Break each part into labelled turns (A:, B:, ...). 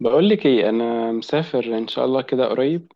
A: بقول لك ايه؟ انا مسافر ان شاء الله كده قريب.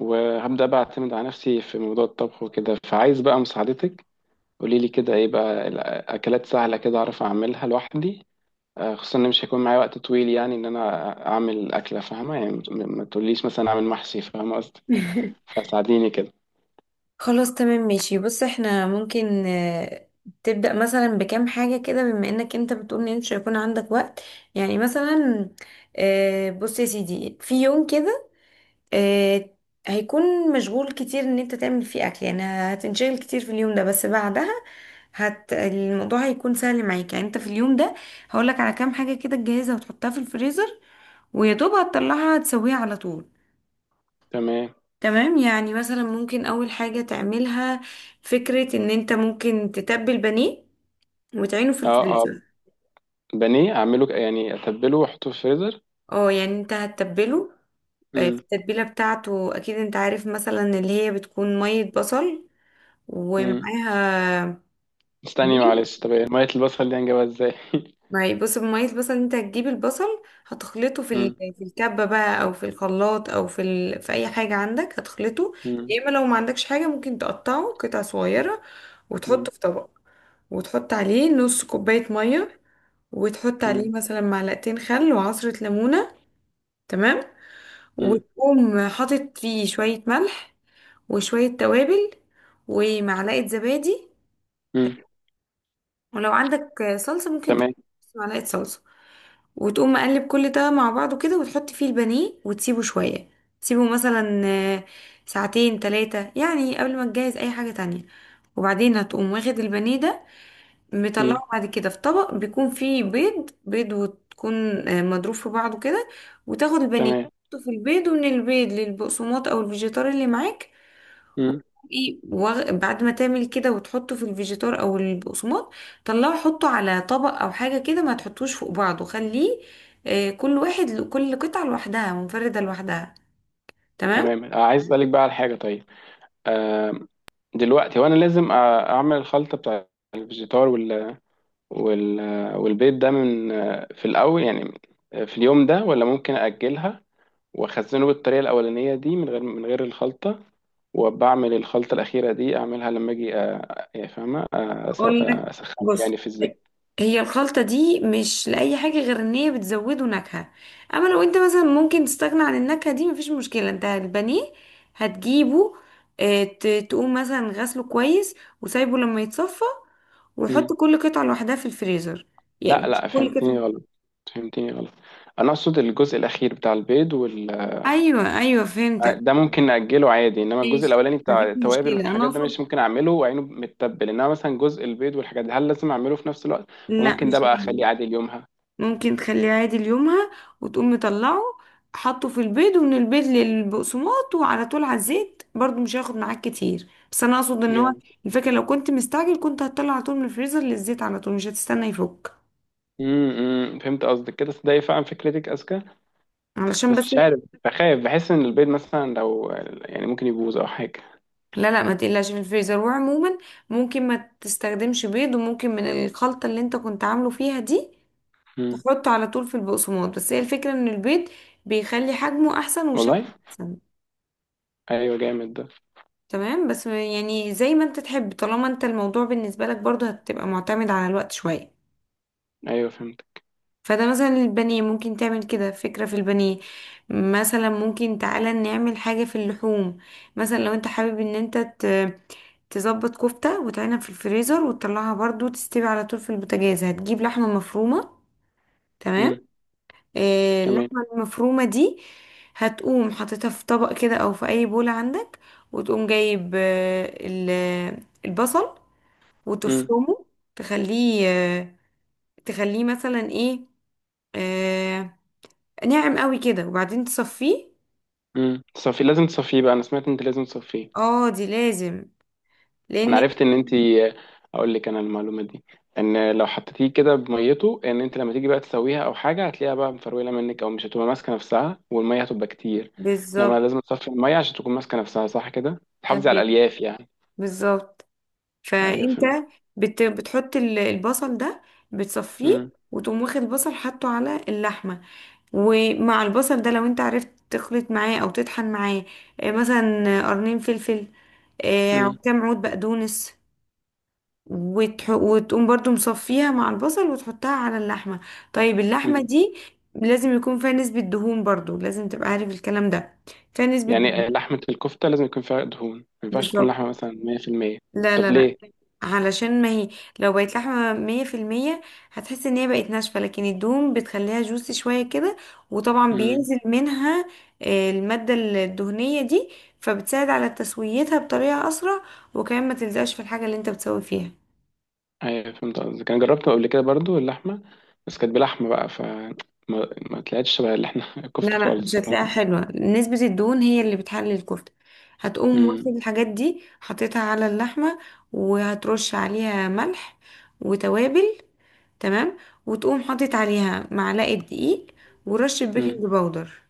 A: وهبدا بقى اعتمد على نفسي في موضوع الطبخ وكده، فعايز بقى مساعدتك. قولي لي كده، ايه بقى الاكلات سهله كده اعرف اعملها لوحدي؟ خصوصا ان مش هيكون معايا وقت طويل، يعني ان انا اعمل اكله، فاهمه؟ يعني ما تقوليش مثلا اعمل محشي، فاهمه قصدي. فساعديني كده.
B: خلاص تمام ماشي بص احنا ممكن تبدأ مثلا بكام حاجة كده بما انك انت بتقول ان انت مش هيكون عندك وقت. يعني مثلا بص يا سيدي، في يوم كده آه، هيكون مشغول كتير ان انت تعمل فيه اكل، يعني هتنشغل كتير في اليوم ده، بس بعدها الموضوع هيكون سهل معاك. يعني انت في اليوم ده هقولك على كام حاجة كده تجهزها وتحطها في الفريزر، ويا دوب هتطلعها تسويها على طول.
A: تمام.
B: تمام، يعني مثلا ممكن اول حاجة تعملها فكرة ان انت ممكن تتبل بانيه وتعينه في
A: اه اه.
B: الفريزر.
A: بانيه اعمله يعني اتبله واحطه في الفريزر.
B: اه يعني انت هتتبله في
A: امم.
B: التتبيلة بتاعته، اكيد انت عارف، مثلا اللي هي بتكون مية بصل
A: امم
B: ومعاها
A: استني معلش،
B: بانيه.
A: طب إيه؟ ميه البصل دي هنجيبها ازاي؟
B: ما بص، بمية البصل انت هتجيب البصل، هتخلطه
A: امم.
B: في الكبة بقى او في الخلاط او في اي حاجة عندك هتخلطه.
A: امم.
B: يا اما لو ما عندكش حاجة ممكن تقطعه قطع صغيرة وتحطه في طبق، وتحط عليه نص كوباية مية، وتحط عليه
A: امم.
B: مثلا معلقتين خل وعصرة ليمونة. تمام.
A: امم.
B: وتقوم حاطط فيه شوية ملح وشوية توابل ومعلقة زبادي، ولو عندك صلصة ممكن تحط
A: تمام.
B: نص معلقة صلصة. وتقوم مقلب كل ده مع بعضه كده وتحط فيه البانيه وتسيبه شوية. تسيبه مثلا ساعتين تلاتة، يعني قبل ما تجهز أي حاجة تانية. وبعدين هتقوم واخد البانيه ده،
A: مم.
B: مطلعه بعد كده في طبق بيكون فيه بيض، وتكون مضروب في بعضه كده. وتاخد البانيه
A: تمام.
B: تحطه في البيض، ومن البيض للبقسماط او الفيجيتار اللي معاك.
A: مم.
B: وتقومي بعد ما تعمل كده وتحطه في الفيجيتار او البقسماط، طلعه حطه على طبق او حاجه كده، ما تحطوش فوق بعضه، خليه كل واحد، كل قطعه لوحدها، منفرده لوحدها. تمام.
A: تمام، عايز اسالك بقى على حاجه. طيب. آه. دلوقتي وانا لازم اعمل الخلطه بتاع الفيجيتار وال والبيض ده من في الاول، يعني في اليوم ده، ولا ممكن اجلها واخزنه بالطريقه الاولانيه دي من غير الخلطه، وبعمل الخلطه الاخيره دي اعملها لما اجي، يعني فاهمه؟
B: اقول لك،
A: اسخنه
B: بص،
A: يعني في الزيت.
B: هي الخلطة دي مش لأي حاجة غير ان هي بتزوده نكهة. اما لو انت مثلا ممكن تستغنى عن النكهة دي مفيش مشكلة. انت البانيه هتجيبه، تقوم مثلا غسله كويس وسايبه لما يتصفى،
A: مم.
B: وحط كل قطعة لوحدها في الفريزر. يعني
A: لا
B: مش
A: لا،
B: كل
A: فهمتني
B: قطعة.
A: غلط. فهمتني غلط. انا اقصد الجزء الاخير بتاع البيض
B: ايوه ايوه، فهمتك.
A: ده ممكن نأجله عادي، انما الجزء
B: ماشي
A: الاولاني
B: مفيش
A: بتاع التوابل
B: مشكلة، انا
A: والحاجات ده
B: اقصد
A: مش ممكن اعمله وعينه متبل، انما مثلا جزء البيض والحاجات دي، هل لازم اعمله في نفس الوقت؟
B: لا
A: وممكن
B: مش
A: ده بقى
B: لازم.
A: اخليه عادي ليومها؟
B: ممكن تخليه عادي ليومها، وتقوم مطلعه حطه في البيض ومن البيض للبقسماط وعلى طول على الزيت، برضو مش هياخد معاك كتير. بس انا اقصد ان هو
A: جامد.
B: الفكره لو كنت مستعجل كنت هتطلع على طول من الفريزر للزيت على طول، مش هتستنى يفك
A: إمم، فهمت قصدك كده، صدقني فعلا فكرتك اذكى،
B: علشان
A: بس
B: بس.
A: مش عارف، بخاف، بحس ان البيض مثلا لو، يعني ممكن يبوظ او حاجه.
B: لا لا، ما تقلقش من الفريزر. وعموما ممكن ما تستخدمش بيض، وممكن من الخلطه اللي انت كنت عامله فيها دي
A: امم.
B: تحطه على طول في البقسماط. بس هي الفكره ان البيض بيخلي حجمه احسن وشكله
A: والله.
B: احسن.
A: ايوه جامد ده.
B: تمام بس يعني زي ما انت تحب، طالما انت الموضوع بالنسبة لك برضو هتبقى معتمد على الوقت شوية.
A: ايوه فهمت.
B: فده مثلا البانيه ممكن تعمل كده، فكرة في البانيه. مثلا ممكن تعالى نعمل حاجة في اللحوم. مثلا لو انت حابب ان انت تظبط كفتة وتعينها في الفريزر وتطلعها برضو تستوي على طول في البوتاجاز. هتجيب لحمة مفرومة.
A: امم.
B: تمام.
A: تمام.
B: اللحمة المفرومة دي هتقوم حاططها في طبق كده او في اي بولة عندك، وتقوم جايب البصل
A: امم.
B: وتفرمه، تخليه تخليه مثلا ايه، آه ناعم قوي كده، وبعدين تصفيه.
A: امم. تصفي، لازم تصفيه بقى، انا سمعت انت لازم تصفيه.
B: اه دي لازم.
A: انا
B: لان
A: عرفت ان انت، اقول لك انا المعلومه دي، ان لو حطيتيه كده بميته، ان انت لما تيجي بقى تسويها او حاجه، هتلاقيها بقى مفروله منك، او مش هتبقى ماسكه نفسها، والميه هتبقى كتير.
B: بالظبط.
A: انما لازم تصفي الميه عشان تكون ماسكه نفسها، صح كده، تحافظي على
B: تمام
A: الالياف يعني.
B: بالظبط.
A: ايوه
B: فانت
A: فهمت.
B: بتحط البصل ده بتصفيه،
A: مم.
B: وتقوم واخد البصل حاطه على اللحمه. ومع البصل ده لو انت عرفت تخلط معاه او تطحن معاه مثلا قرنين فلفل،
A: مم.
B: كام عود بقدونس، وتقوم برضو مصفيها مع البصل وتحطها على اللحمة. طيب اللحمة
A: مم.
B: دي لازم يكون فيها نسبة دهون، برضو لازم تبقى عارف الكلام ده، فيها نسبة
A: يعني
B: دهون.
A: لحمه الكفته لازم يكون فيها دهون، ما ينفعش تكون
B: بالظبط.
A: لحمه مثلا 100%؟
B: لا
A: طب
B: لا لا،
A: ليه؟
B: علشان ما هي لو بقت لحمة مية في المية هتحس ان هي بقت ناشفة، لكن الدهون بتخليها جوسي شوية كده، وطبعا
A: مم.
B: بينزل منها المادة الدهنية دي، فبتساعد على تسويتها بطريقة أسرع، وكمان ما تلزقش في الحاجة اللي انت بتسوي فيها.
A: ايوه فهمت قصدك، انا جربت قبل كده برضو اللحمه، بس كانت بلحمه بقى، ما طلعتش شبه اللي احنا الكفته
B: لا لا، مش
A: خالص.
B: هتلاقيها حلوة. نسبة الدهون هي اللي بتحلي الكفتة. هتقوم واخد
A: امم.
B: الحاجات دي حطيتها على اللحمة، وهترش عليها ملح وتوابل. تمام. وتقوم حاطط عليها معلقة دقيق ورشة بيكنج
A: امم.
B: باودر.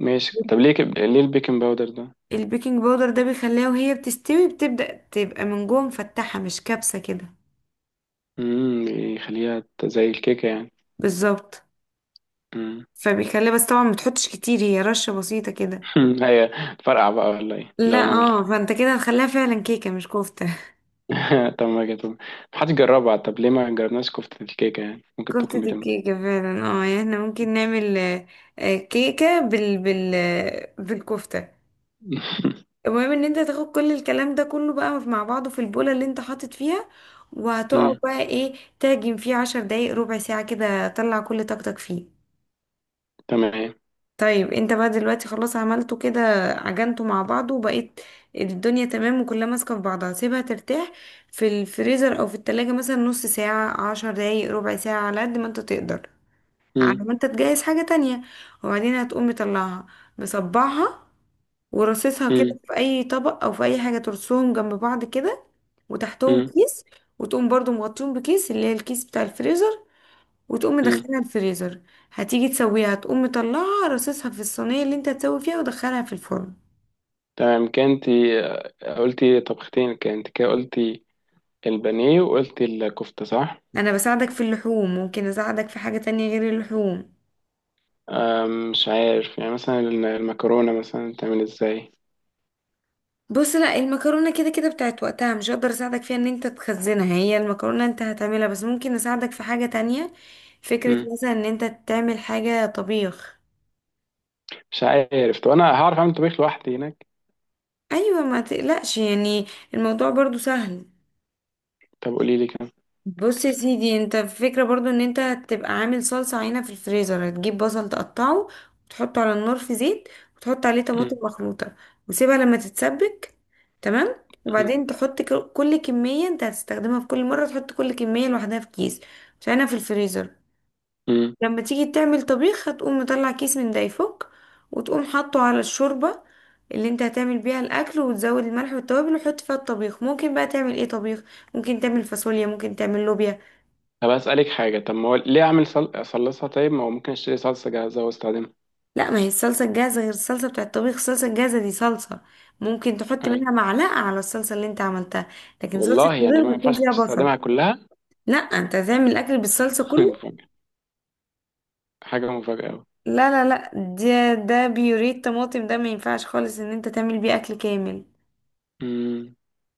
A: ماشي، طب ليه ليه البيكنج باودر ده؟
B: البيكنج باودر ده بيخليها وهي بتستوي بتبدأ تبقى من جوه مفتحة، مش كبسة كده.
A: امم، يخليها زي الكيكه يعني.
B: بالظبط.
A: امم.
B: فبيخليها، بس طبعا ما تحطش كتير، هي رشة بسيطة كده.
A: هي تفرقع بقى ولا ايه
B: لا
A: لو انا عملت
B: اه،
A: كده؟
B: فانت كده هتخليها فعلا كيكة مش كفتة.
A: طب ما جت، محدش جربها، طب ليه ما جربناش كفته الكيكه يعني؟ ممكن
B: كفتة
A: تكون بتنفع.
B: الكيكة فعلا اه، يعني احنا ممكن نعمل كيكة بالكفتة. المهم ان انت تاخد كل الكلام ده كله بقى مع بعضه في البولة اللي انت حاطط فيها، وهتقعد
A: امم.
B: بقى ايه، تعجن فيه 10 دقايق ربع ساعة كده، طلع كل طاقتك فيه.
A: تمام.
B: طيب انت بقى دلوقتي خلاص عملته كده، عجنته مع بعضه وبقيت الدنيا تمام وكلها ماسكة في بعضها، سيبها ترتاح في الفريزر او في التلاجة مثلا نص ساعة 10 دقايق ربع ساعة على قد ما انت تقدر،
A: امم.
B: على ما انت تجهز حاجة تانية. وبعدين هتقوم مطلعها مصبعها ورصصها كده
A: امم.
B: في اي طبق او في اي حاجة، ترصهم جنب بعض كده وتحتهم
A: امم.
B: كيس، وتقوم برضو مغطيهم بكيس، اللي هي الكيس بتاع الفريزر، وتقوم
A: امم.
B: مدخلها الفريزر. هتيجي تسويها هتقوم مطلعها رصصها في الصينية اللي انت هتسوي فيها ودخلها في الفرن.
A: تمام، كانتي قلتي طبختين، كانت كده قلتي البانيه وقلتي الكفته، صح؟
B: انا بساعدك في اللحوم، ممكن اساعدك في حاجة تانية غير اللحوم.
A: مش عارف، يعني مثلا المكرونه مثلا تعمل ازاي؟
B: بص، لا المكرونه كده كده بتاعت وقتها، مش هقدر اساعدك فيها ان انت تخزنها. هي المكرونه انت هتعملها، بس ممكن اساعدك في حاجه تانية، فكره مثلا ان انت تعمل حاجه طبيخ.
A: مش عارف، طب انا هعرف اعمل طبيخ لوحدي هناك؟
B: ايوه ما تقلقش يعني، الموضوع برضو سهل.
A: طب قولي لي كده.
B: بص يا سيدي، انت الفكرة برضو ان انت تبقى عامل صلصة عينة في الفريزر. هتجيب بصل تقطعه وتحطه على النار في زيت، وتحط عليه طماطم
A: مم.
B: مخلوطة، وسيبها لما تتسبك. تمام.
A: مم.
B: وبعدين تحط كل كمية انت هتستخدمها في كل مرة، تحط كل كمية لوحدها في كيس وتعينها في الفريزر.
A: مم.
B: لما تيجي تعمل طبيخ هتقوم مطلع كيس من ده يفك، وتقوم حاطه على الشوربة اللي انت هتعمل بيها الاكل، وتزود الملح والتوابل وتحط فيها الطبيخ. ممكن بقى تعمل ايه طبيخ؟ ممكن تعمل فاصوليا، ممكن تعمل لوبيا.
A: طب اسالك حاجه، طب ما هو ليه اعمل صلصه؟ طيب، ما هو ممكن اشتري صلصه جاهزه واستخدمها.
B: لا، ما هي الصلصة الجاهزة غير الصلصة بتاعة الطبيخ. الصلصة الجاهزة دي صلصة ممكن تحط
A: أي.
B: منها معلقة على الصلصة اللي انت عملتها. لكن صلصة
A: والله يعني
B: الطبيخ
A: ما
B: بيكون
A: ينفعش
B: فيها بصل.
A: استخدمها كلها؟
B: لا، انت هتعمل الاكل بالصلصة كله.
A: مفاجأة. حاجه مفاجاه قوي.
B: لا لا لا، ده بيوريه طماطم، ده ما ينفعش خالص ان انت تعمل بيه اكل كامل.
A: مم.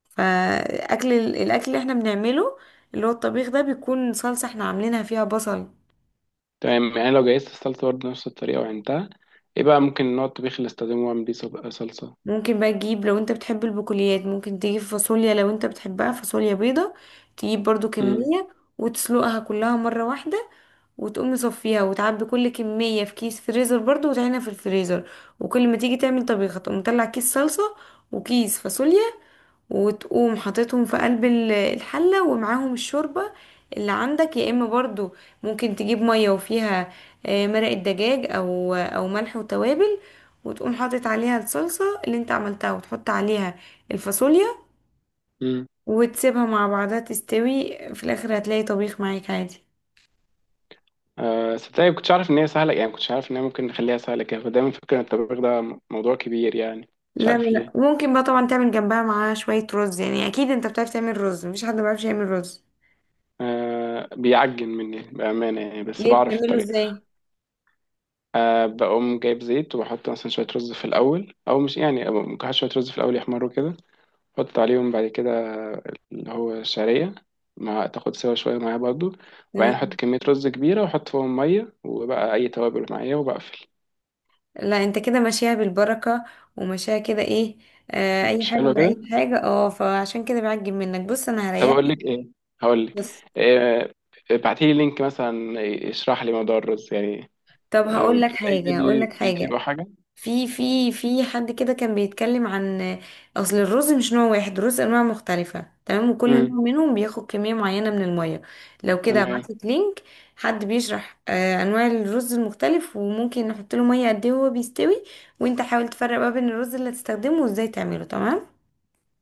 B: فاكل الاكل اللي احنا بنعمله اللي هو الطبيخ ده، بيكون صلصة احنا عاملينها فيها بصل.
A: تمام، يعني لو جهزت الصلصه برضه نفس الطريقه وعينتها، ايه بقى ممكن نوع الطبيخ اللي استخدمه واعمل بيه صلصه؟
B: ممكن بقى تجيب، لو انت بتحب البقوليات ممكن تجيب فاصوليا، لو انت بتحبها فاصوليا بيضة تجيب برضو
A: مم.
B: كمية وتسلقها كلها مرة واحدة، وتقوم مصفيها وتعبي كل كمية في كيس فريزر برضو وتعينها في الفريزر. وكل ما تيجي تعمل طبيخة تقوم مطلع كيس صلصة وكيس فاصوليا، وتقوم حاططهم في قلب الحلة ومعاهم الشوربة اللي عندك. يا اما برضو ممكن تجيب مية وفيها مرق الدجاج او ملح وتوابل، وتقوم حاطط عليها الصلصة اللي انت عملتها وتحط عليها الفاصوليا،
A: مم.
B: وتسيبها مع بعضها تستوي. في الاخر هتلاقي طبيخ معاك عادي.
A: آه، صدقني كنتش عارف ان هي سهله يعني، كنتش عارف ان هي ممكن نخليها سهله كده، فدايما فكره ان الطبيخ ده موضوع كبير يعني. مش
B: لا لا
A: عارف
B: لا،
A: ليه.
B: ممكن بقى طبعا تعمل جنبها معاها شوية رز، يعني اكيد انت بتعرف تعمل رز، مفيش حد ما بيعرفش يعمل رز.
A: آه، بيعجن مني بأمانة يعني، بس
B: ليه
A: بعرف
B: بتعمله
A: الطريقة.
B: ازاي؟
A: آه، بقوم جايب زيت وبحط مثلا شوية رز في الأول، أو مش يعني، ممكن أحط شوية رز في الأول يحمروا كده، أحط عليهم بعد كده اللي هو الشعرية، مع تاخد سوا شوية معايا برضو. وبعدين أحط
B: تمام.
A: كمية رز كبيرة وأحط فوقهم مية وبقى أي توابل معايا وبقفل.
B: لا انت كده ماشيها بالبركة، وماشيها كده ايه، آه اي
A: مش
B: حاجة
A: حلو
B: ولا
A: كده؟
B: اي حاجة اه، فعشان كده بعجب منك. بص انا
A: طب أقول
B: هريحك
A: لك إيه؟ هقول لك
B: بس.
A: إيه؟ ابعتيلي لينك مثلا يشرح لي موضوع الرز يعني،
B: طب هقول لك
A: مفيش أي
B: حاجة، هقول
A: فيديو
B: لك
A: يوتيوب
B: حاجة،
A: أو حاجة؟
B: في حد كده كان بيتكلم عن اصل الرز، مش نوع واحد، الرز انواع مختلفة تمام، وكل
A: امم.
B: نوع منهم بياخد كمية معينة من المية. لو كده
A: تمام.
B: هبعتلك لينك حد بيشرح آه انواع الرز المختلف وممكن نحط له مية قد ايه وهو بيستوي، وانت حاول تفرق ما بين الرز اللي هتستخدمه وازاي تعمله. تمام.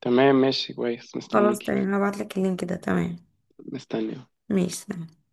A: تمام ماشي كويس،
B: خلاص
A: مستنيكي.
B: تمام هبعتلك اللينك ده. تمام
A: مستني
B: ماشي تمام.